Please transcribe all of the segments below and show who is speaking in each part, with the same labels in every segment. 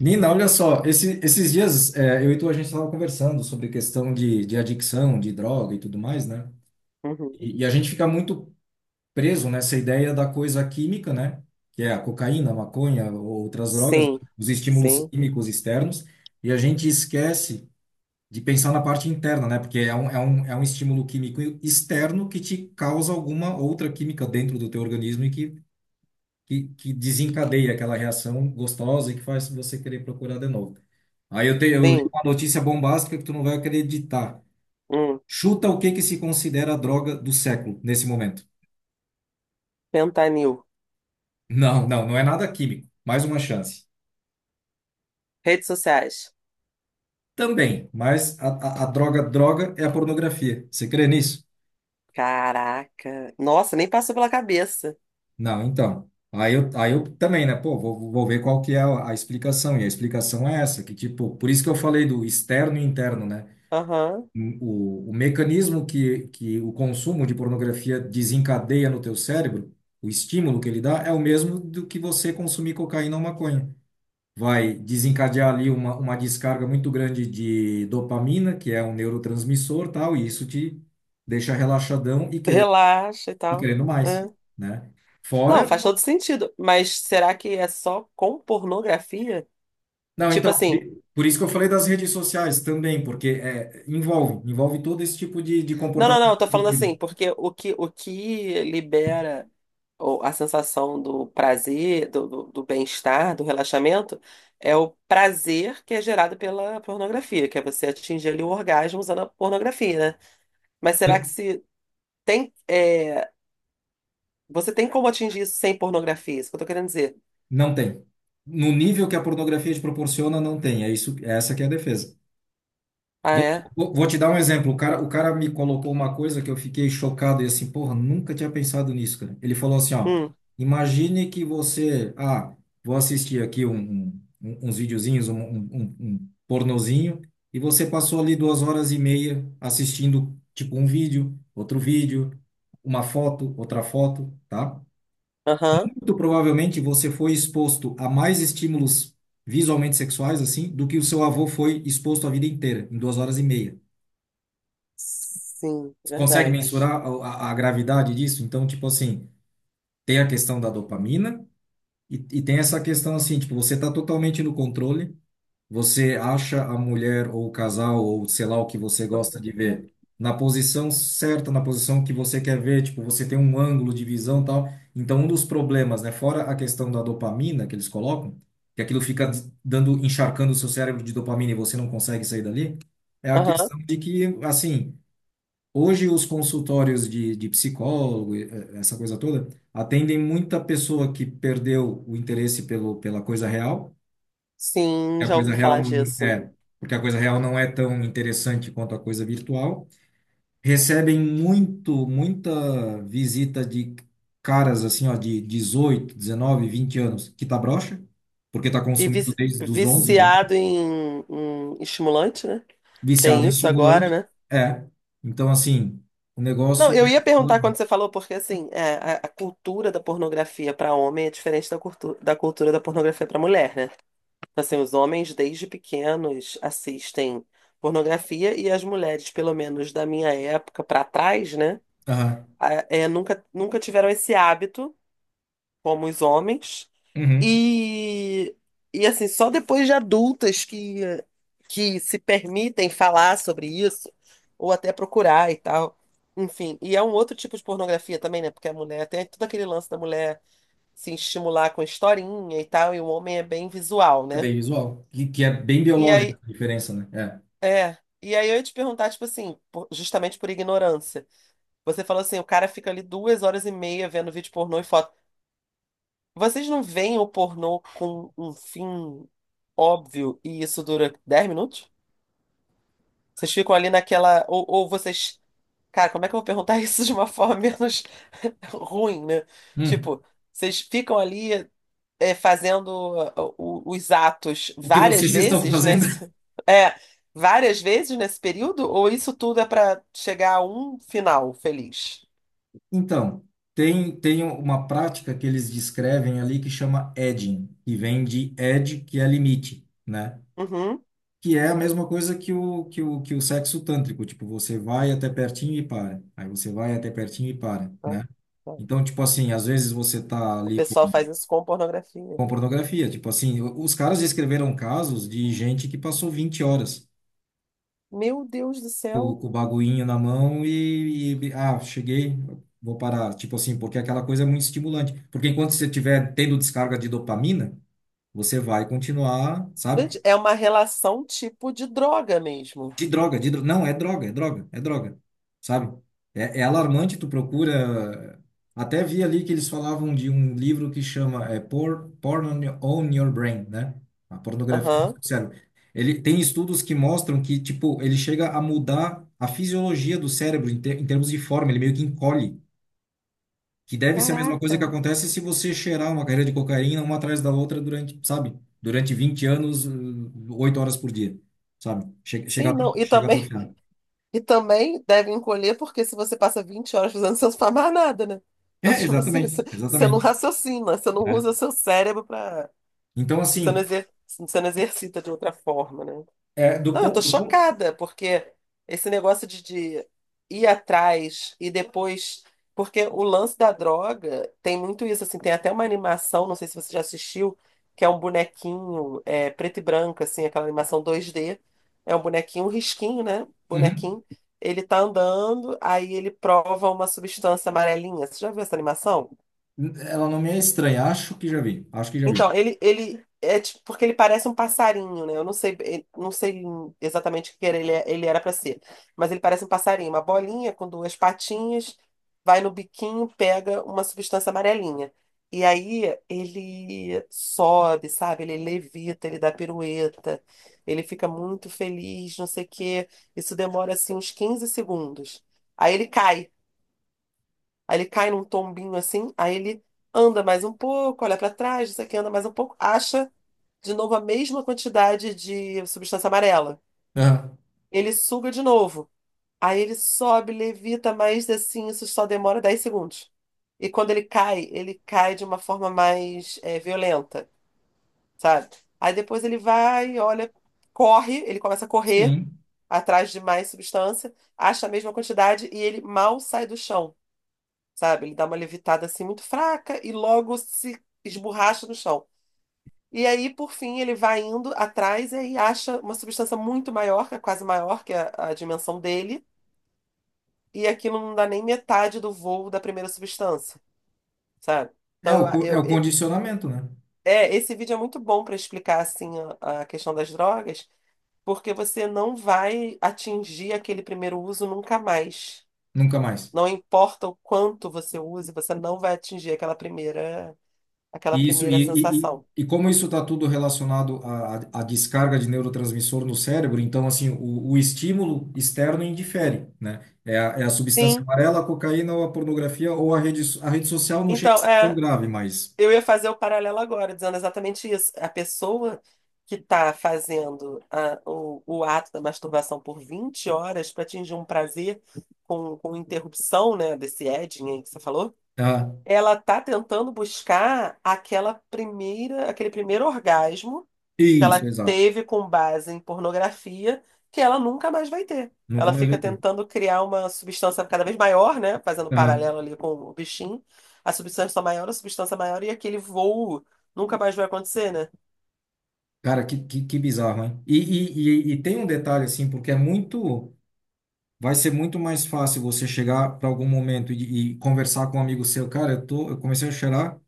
Speaker 1: Nina, olha só, esses dias eu e tu, a gente estava conversando sobre questão de adicção, de droga e tudo mais, né?
Speaker 2: Uhum.
Speaker 1: E a gente fica muito preso nessa ideia da coisa química, né? Que é a cocaína, a maconha, ou outras drogas,
Speaker 2: Sim,
Speaker 1: os estímulos
Speaker 2: sim,
Speaker 1: químicos externos, e a gente esquece de pensar na parte interna, né? Porque é um estímulo químico externo que te causa alguma outra química dentro do teu organismo e que desencadeia aquela reação gostosa e que faz você querer procurar de novo. Aí eu li
Speaker 2: sim.
Speaker 1: uma notícia bombástica que tu não vai acreditar.
Speaker 2: Hum.
Speaker 1: Chuta o que que se considera a droga do século nesse momento.
Speaker 2: Fentanil.
Speaker 1: Não, não, não é nada químico. Mais uma chance.
Speaker 2: Redes sociais.
Speaker 1: Também, mas a droga droga é a pornografia. Você crê nisso?
Speaker 2: Caraca. Nossa, nem passou pela cabeça.
Speaker 1: Não, então. Aí eu também, né? Pô, vou ver qual que é a explicação. E a explicação é essa, que tipo, por isso que eu falei do externo e interno, né?
Speaker 2: Aham.
Speaker 1: O mecanismo que o consumo de pornografia desencadeia no teu cérebro, o estímulo que ele dá, é o mesmo do que você consumir cocaína ou maconha. Vai desencadear ali uma descarga muito grande de dopamina, que é um neurotransmissor, tal, e isso te deixa relaxadão e querendo,
Speaker 2: Relaxa e
Speaker 1: e
Speaker 2: tal.
Speaker 1: querendo mais,
Speaker 2: É.
Speaker 1: né?
Speaker 2: Não,
Speaker 1: Fora
Speaker 2: faz
Speaker 1: uma...
Speaker 2: todo sentido. Mas será que é só com pornografia?
Speaker 1: Não,
Speaker 2: Tipo
Speaker 1: então, por
Speaker 2: assim.
Speaker 1: i- por isso que eu falei das redes sociais também, porque envolve todo esse tipo de
Speaker 2: Não, não,
Speaker 1: comportamento
Speaker 2: não. Eu tô falando
Speaker 1: repetido.
Speaker 2: assim, porque o que libera, ou a sensação do prazer, do bem-estar, do relaxamento, é o prazer que é gerado pela pornografia, que é você atingir ali o orgasmo usando a pornografia, né? Mas será que se tem, você tem como atingir isso sem pornografia? Isso que eu tô querendo dizer.
Speaker 1: Não tem. No nível que a pornografia te proporciona, não tem. É isso, é essa que é a defesa.
Speaker 2: Ah,
Speaker 1: Vou,
Speaker 2: é?
Speaker 1: vou te dar um exemplo. O cara me colocou uma coisa que eu fiquei chocado e assim, porra, nunca tinha pensado nisso, cara. Ele falou assim, ó,
Speaker 2: Hum,
Speaker 1: imagine que você, vou assistir aqui uns videozinhos, um pornozinho, e você passou ali 2h30 assistindo, tipo, um vídeo, outro vídeo, uma foto, outra foto, tá?
Speaker 2: aham.
Speaker 1: Muito provavelmente você foi exposto a mais estímulos visualmente sexuais, assim, do que o seu avô foi exposto a vida inteira, em 2h30.
Speaker 2: Sim,
Speaker 1: Você consegue
Speaker 2: verdade.
Speaker 1: mensurar a gravidade disso? Então, tipo assim, tem a questão da dopamina e tem essa questão, assim, tipo, você está totalmente no controle. Você acha a mulher ou o casal ou sei lá o que você gosta de
Speaker 2: Né?
Speaker 1: ver na posição certa, na posição que você quer ver, tipo, você tem um ângulo de visão, e tal. Então, um dos problemas, né, fora a questão da dopamina que eles colocam, que aquilo fica dando, encharcando o seu cérebro de dopamina e você não consegue sair dali, é a
Speaker 2: Aham.
Speaker 1: questão de que, assim, hoje os consultórios de psicólogo, essa coisa toda, atendem muita pessoa que perdeu o interesse pela coisa real
Speaker 2: Sim,
Speaker 1: a
Speaker 2: já
Speaker 1: coisa
Speaker 2: ouvi
Speaker 1: real
Speaker 2: falar
Speaker 1: não-
Speaker 2: disso.
Speaker 1: é, Porque a coisa real não é tão interessante quanto a coisa virtual. Recebem muita visita de caras assim, ó, de 18, 19, 20 anos, que tá broxa, porque tá
Speaker 2: E
Speaker 1: consumindo desde os 11 12,
Speaker 2: viciado em estimulante, né?
Speaker 1: viciado
Speaker 2: Tem
Speaker 1: em
Speaker 2: isso agora,
Speaker 1: estimulante.
Speaker 2: né?
Speaker 1: É. Então, assim, o
Speaker 2: Não,
Speaker 1: negócio
Speaker 2: eu ia
Speaker 1: é,
Speaker 2: perguntar quando você falou, porque assim, é, a cultura da pornografia para homem é diferente da cultura da pornografia para mulher, né? Assim, os homens desde pequenos assistem pornografia e as mulheres, pelo menos da minha época para trás, né?
Speaker 1: Aham.
Speaker 2: É, nunca tiveram esse hábito, como os homens,
Speaker 1: Uhum.
Speaker 2: e, assim, só depois de adultas que se permitem falar sobre isso, ou até procurar e tal. Enfim, e é um outro tipo de pornografia também, né? Porque a mulher tem todo aquele lance da mulher se estimular com historinha e tal, e o homem é bem visual,
Speaker 1: É
Speaker 2: né?
Speaker 1: bem visual, que é bem
Speaker 2: E
Speaker 1: biológica
Speaker 2: aí,
Speaker 1: a diferença, né? É.
Speaker 2: é. E aí eu ia te perguntar, tipo assim, justamente por ignorância. Você falou assim, o cara fica ali 2h30 vendo vídeo pornô e foto. Vocês não veem o pornô com um fim óbvio e isso dura 10 minutos? Vocês ficam ali naquela. Ou vocês. Cara, como é que eu vou perguntar isso de uma forma menos ruim, né?
Speaker 1: Hum.
Speaker 2: Tipo, vocês ficam ali é, fazendo os atos
Speaker 1: O que
Speaker 2: várias
Speaker 1: vocês estão
Speaker 2: vezes
Speaker 1: fazendo?
Speaker 2: nesse. É, várias vezes nesse período? Ou isso tudo é pra chegar a um final feliz?
Speaker 1: Então, tem uma prática que eles descrevem ali que chama edging, que vem de edge, que é limite, né?
Speaker 2: Uhum.
Speaker 1: Que é a mesma coisa que o sexo tântrico, tipo, você vai até pertinho e para, aí você vai até pertinho e para,
Speaker 2: Ah,
Speaker 1: né?
Speaker 2: tá.
Speaker 1: Então, tipo assim, às vezes você tá
Speaker 2: O
Speaker 1: ali com,
Speaker 2: pessoal faz isso com pornografia.
Speaker 1: com pornografia, tipo assim, os caras escreveram casos de gente que passou 20 horas
Speaker 2: Meu Deus do
Speaker 1: com,
Speaker 2: céu.
Speaker 1: com o baguinho na mão cheguei, vou parar. Tipo assim, porque aquela coisa é muito estimulante. Porque enquanto você estiver tendo descarga de dopamina, você vai continuar, sabe?
Speaker 2: Gente, é uma relação tipo de droga mesmo.
Speaker 1: De droga, de droga. Não, é droga, é droga, é droga. Sabe? É alarmante, tu procura. Até vi ali que eles falavam de um livro que chama Porn on Your Brain, né? A pornografia no
Speaker 2: Aham.
Speaker 1: seu cérebro. Ele tem estudos que mostram que, tipo, ele chega a mudar a fisiologia do cérebro em termos de forma, ele meio que encolhe. Que deve ser a mesma coisa que
Speaker 2: Caraca.
Speaker 1: acontece se você cheirar uma carreira de cocaína uma atrás da outra durante, sabe? Durante 20 anos, 8 horas por dia, sabe? Chega, chega a
Speaker 2: Sim,
Speaker 1: atro-
Speaker 2: não. E
Speaker 1: chega a
Speaker 2: também,
Speaker 1: atrofiar.
Speaker 2: e também deve encolher, porque se você passa 20 horas fazendo, você não faz mais nada, né? Então,
Speaker 1: É,
Speaker 2: tipo assim, você,
Speaker 1: exatamente,
Speaker 2: você não
Speaker 1: exatamente,
Speaker 2: raciocina, você não
Speaker 1: né?
Speaker 2: usa seu cérebro para.
Speaker 1: Então,
Speaker 2: Você não
Speaker 1: assim,
Speaker 2: exer, você não exercita de outra forma, né?
Speaker 1: do
Speaker 2: Não, eu tô
Speaker 1: ponto, do ponto,
Speaker 2: chocada, porque esse negócio de ir atrás e depois. Porque o lance da droga tem muito isso, assim, tem até uma animação, não sei se você já assistiu, que é um bonequinho preto e branco, assim, aquela animação 2D. É um bonequinho, um risquinho, né?
Speaker 1: Uhum.
Speaker 2: Bonequinho. Ele tá andando, aí ele prova uma substância amarelinha. Você já viu essa animação?
Speaker 1: Ela não me é estranha, acho que já vi, acho que já vi.
Speaker 2: Então, ele é tipo, porque ele parece um passarinho, né? Eu não sei, não sei exatamente o que era, ele era para ser, mas ele parece um passarinho, uma bolinha com duas patinhas, vai no biquinho, pega uma substância amarelinha. E aí ele sobe, sabe? Ele levita, ele dá pirueta, ele fica muito feliz, não sei o quê. Isso demora assim uns 15 segundos. Aí ele cai, aí ele cai num tombinho assim, aí ele anda mais um pouco, olha para trás, isso aqui anda mais um pouco, acha de novo a mesma quantidade de substância amarela.
Speaker 1: Aham.
Speaker 2: Ele suga de novo. Aí ele sobe, levita, mas assim, isso só demora 10 segundos. E quando ele cai de uma forma mais violenta, sabe? Aí depois ele vai, olha, corre, ele começa a correr
Speaker 1: Sim,
Speaker 2: atrás de mais substância, acha a mesma quantidade e ele mal sai do chão, sabe? Ele dá uma levitada assim muito fraca e logo se esborracha no chão. E aí, por fim, ele vai indo atrás e aí acha uma substância muito maior, que é quase maior que a dimensão dele, e aquilo não dá nem metade do voo da primeira substância, sabe?
Speaker 1: é
Speaker 2: Então,
Speaker 1: o,
Speaker 2: eu, a-
Speaker 1: co- é
Speaker 2: eu,
Speaker 1: o
Speaker 2: e-
Speaker 1: condicionamento, né?
Speaker 2: é, esse vídeo é muito bom para explicar assim a questão das drogas, porque você não vai atingir aquele primeiro uso nunca mais.
Speaker 1: Nunca mais.
Speaker 2: Não importa o quanto você use, você não vai atingir aquela
Speaker 1: E isso,
Speaker 2: primeira
Speaker 1: e, e, e
Speaker 2: sensação.
Speaker 1: e como isso está tudo relacionado à descarga de neurotransmissor no cérebro, então, assim, o estímulo externo indifere, né? É a substância
Speaker 2: Sim,
Speaker 1: amarela, a cocaína ou a pornografia ou a rede social não chega a
Speaker 2: então,
Speaker 1: ser tão
Speaker 2: é.
Speaker 1: grave, mas...
Speaker 2: Eu ia fazer o paralelo agora, dizendo exatamente isso. A pessoa que está fazendo o ato da masturbação por 20 horas para atingir um prazer com interrupção, né, desse edging aí que você falou,
Speaker 1: Ah,
Speaker 2: ela está tentando buscar aquela primeira, aquele primeiro orgasmo que
Speaker 1: isso,
Speaker 2: ela
Speaker 1: exato.
Speaker 2: teve com base em pornografia que ela nunca mais vai ter.
Speaker 1: Nunca
Speaker 2: Ela
Speaker 1: mais vai
Speaker 2: fica
Speaker 1: ter.
Speaker 2: tentando criar uma substância cada vez maior, né? Fazendo
Speaker 1: Aham.
Speaker 2: paralelo ali com o bichinho. A substância maior e aquele voo nunca mais vai acontecer, né?
Speaker 1: Cara, que bizarro, hein? E tem um detalhe, assim, porque é muito. Vai ser muito mais fácil você chegar para algum momento e conversar com um amigo seu. Cara, eu comecei a cheirar,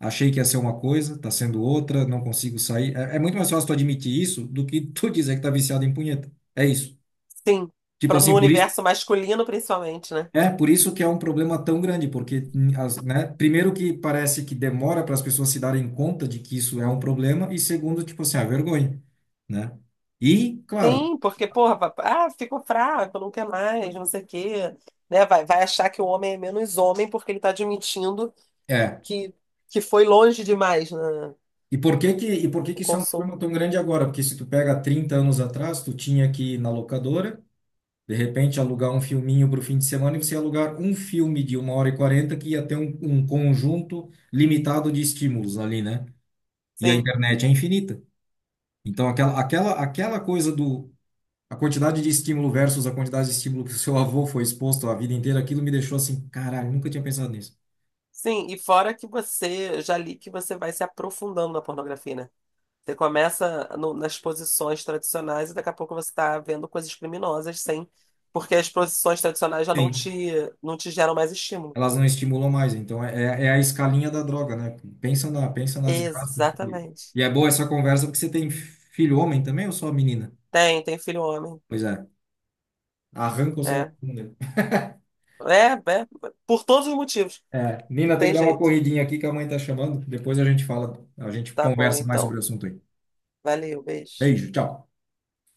Speaker 1: achei que ia ser uma coisa, tá sendo outra, não consigo sair. É muito mais fácil tu admitir isso do que tu dizer que tá viciado em punheta. É isso.
Speaker 2: Sim,
Speaker 1: Tipo
Speaker 2: no
Speaker 1: assim, por isso.
Speaker 2: universo masculino principalmente, né?
Speaker 1: É, por isso que é um problema tão grande, porque, primeiro que parece que demora para as pessoas se darem conta de que isso é um problema, e segundo, tipo assim, a vergonha, né? E, claro.
Speaker 2: Sim, porque, porra, ah, ficou fraco, não quer mais, não sei o quê, né? Vai achar que o homem é menos homem porque ele tá admitindo
Speaker 1: É.
Speaker 2: que, que foi longe demais, né?
Speaker 1: E por que que, e por que
Speaker 2: O
Speaker 1: que isso é um
Speaker 2: consumo.
Speaker 1: problema tão grande agora? Porque se tu pega 30 anos atrás, tu tinha que ir na locadora, de repente alugar um filminho para o fim de semana e você ia alugar um filme de 1h40 que ia ter um conjunto limitado de estímulos ali, né? E a
Speaker 2: Sim.
Speaker 1: internet é infinita. Então aquela coisa do a quantidade de estímulo versus a quantidade de estímulo que o seu avô foi exposto a vida inteira, aquilo me deixou assim, caralho, nunca tinha pensado nisso.
Speaker 2: Sim, e fora que você, já li que você vai se aprofundando na pornografia, né? Você começa nas posições tradicionais e daqui a pouco você está vendo coisas criminosas, sem, porque as posições tradicionais já não
Speaker 1: Sim.
Speaker 2: te, não te geram mais estímulo.
Speaker 1: Elas não estimulam mais. Então é a escalinha da droga, né? Pensa na desgraça. E,
Speaker 2: Exatamente.
Speaker 1: e é boa essa conversa porque você tem filho homem também ou só menina?
Speaker 2: Tem filho homem.
Speaker 1: Pois é, arranca o celular
Speaker 2: É.
Speaker 1: da bunda.
Speaker 2: É, é, por todos os motivos.
Speaker 1: É,
Speaker 2: Não
Speaker 1: Nina, tem que
Speaker 2: tem
Speaker 1: dar uma
Speaker 2: jeito.
Speaker 1: corridinha aqui que a mãe tá chamando. Depois a gente fala, a gente
Speaker 2: Tá bom,
Speaker 1: conversa mais sobre
Speaker 2: então.
Speaker 1: o assunto aí.
Speaker 2: Valeu, beijo.
Speaker 1: Beijo, tchau.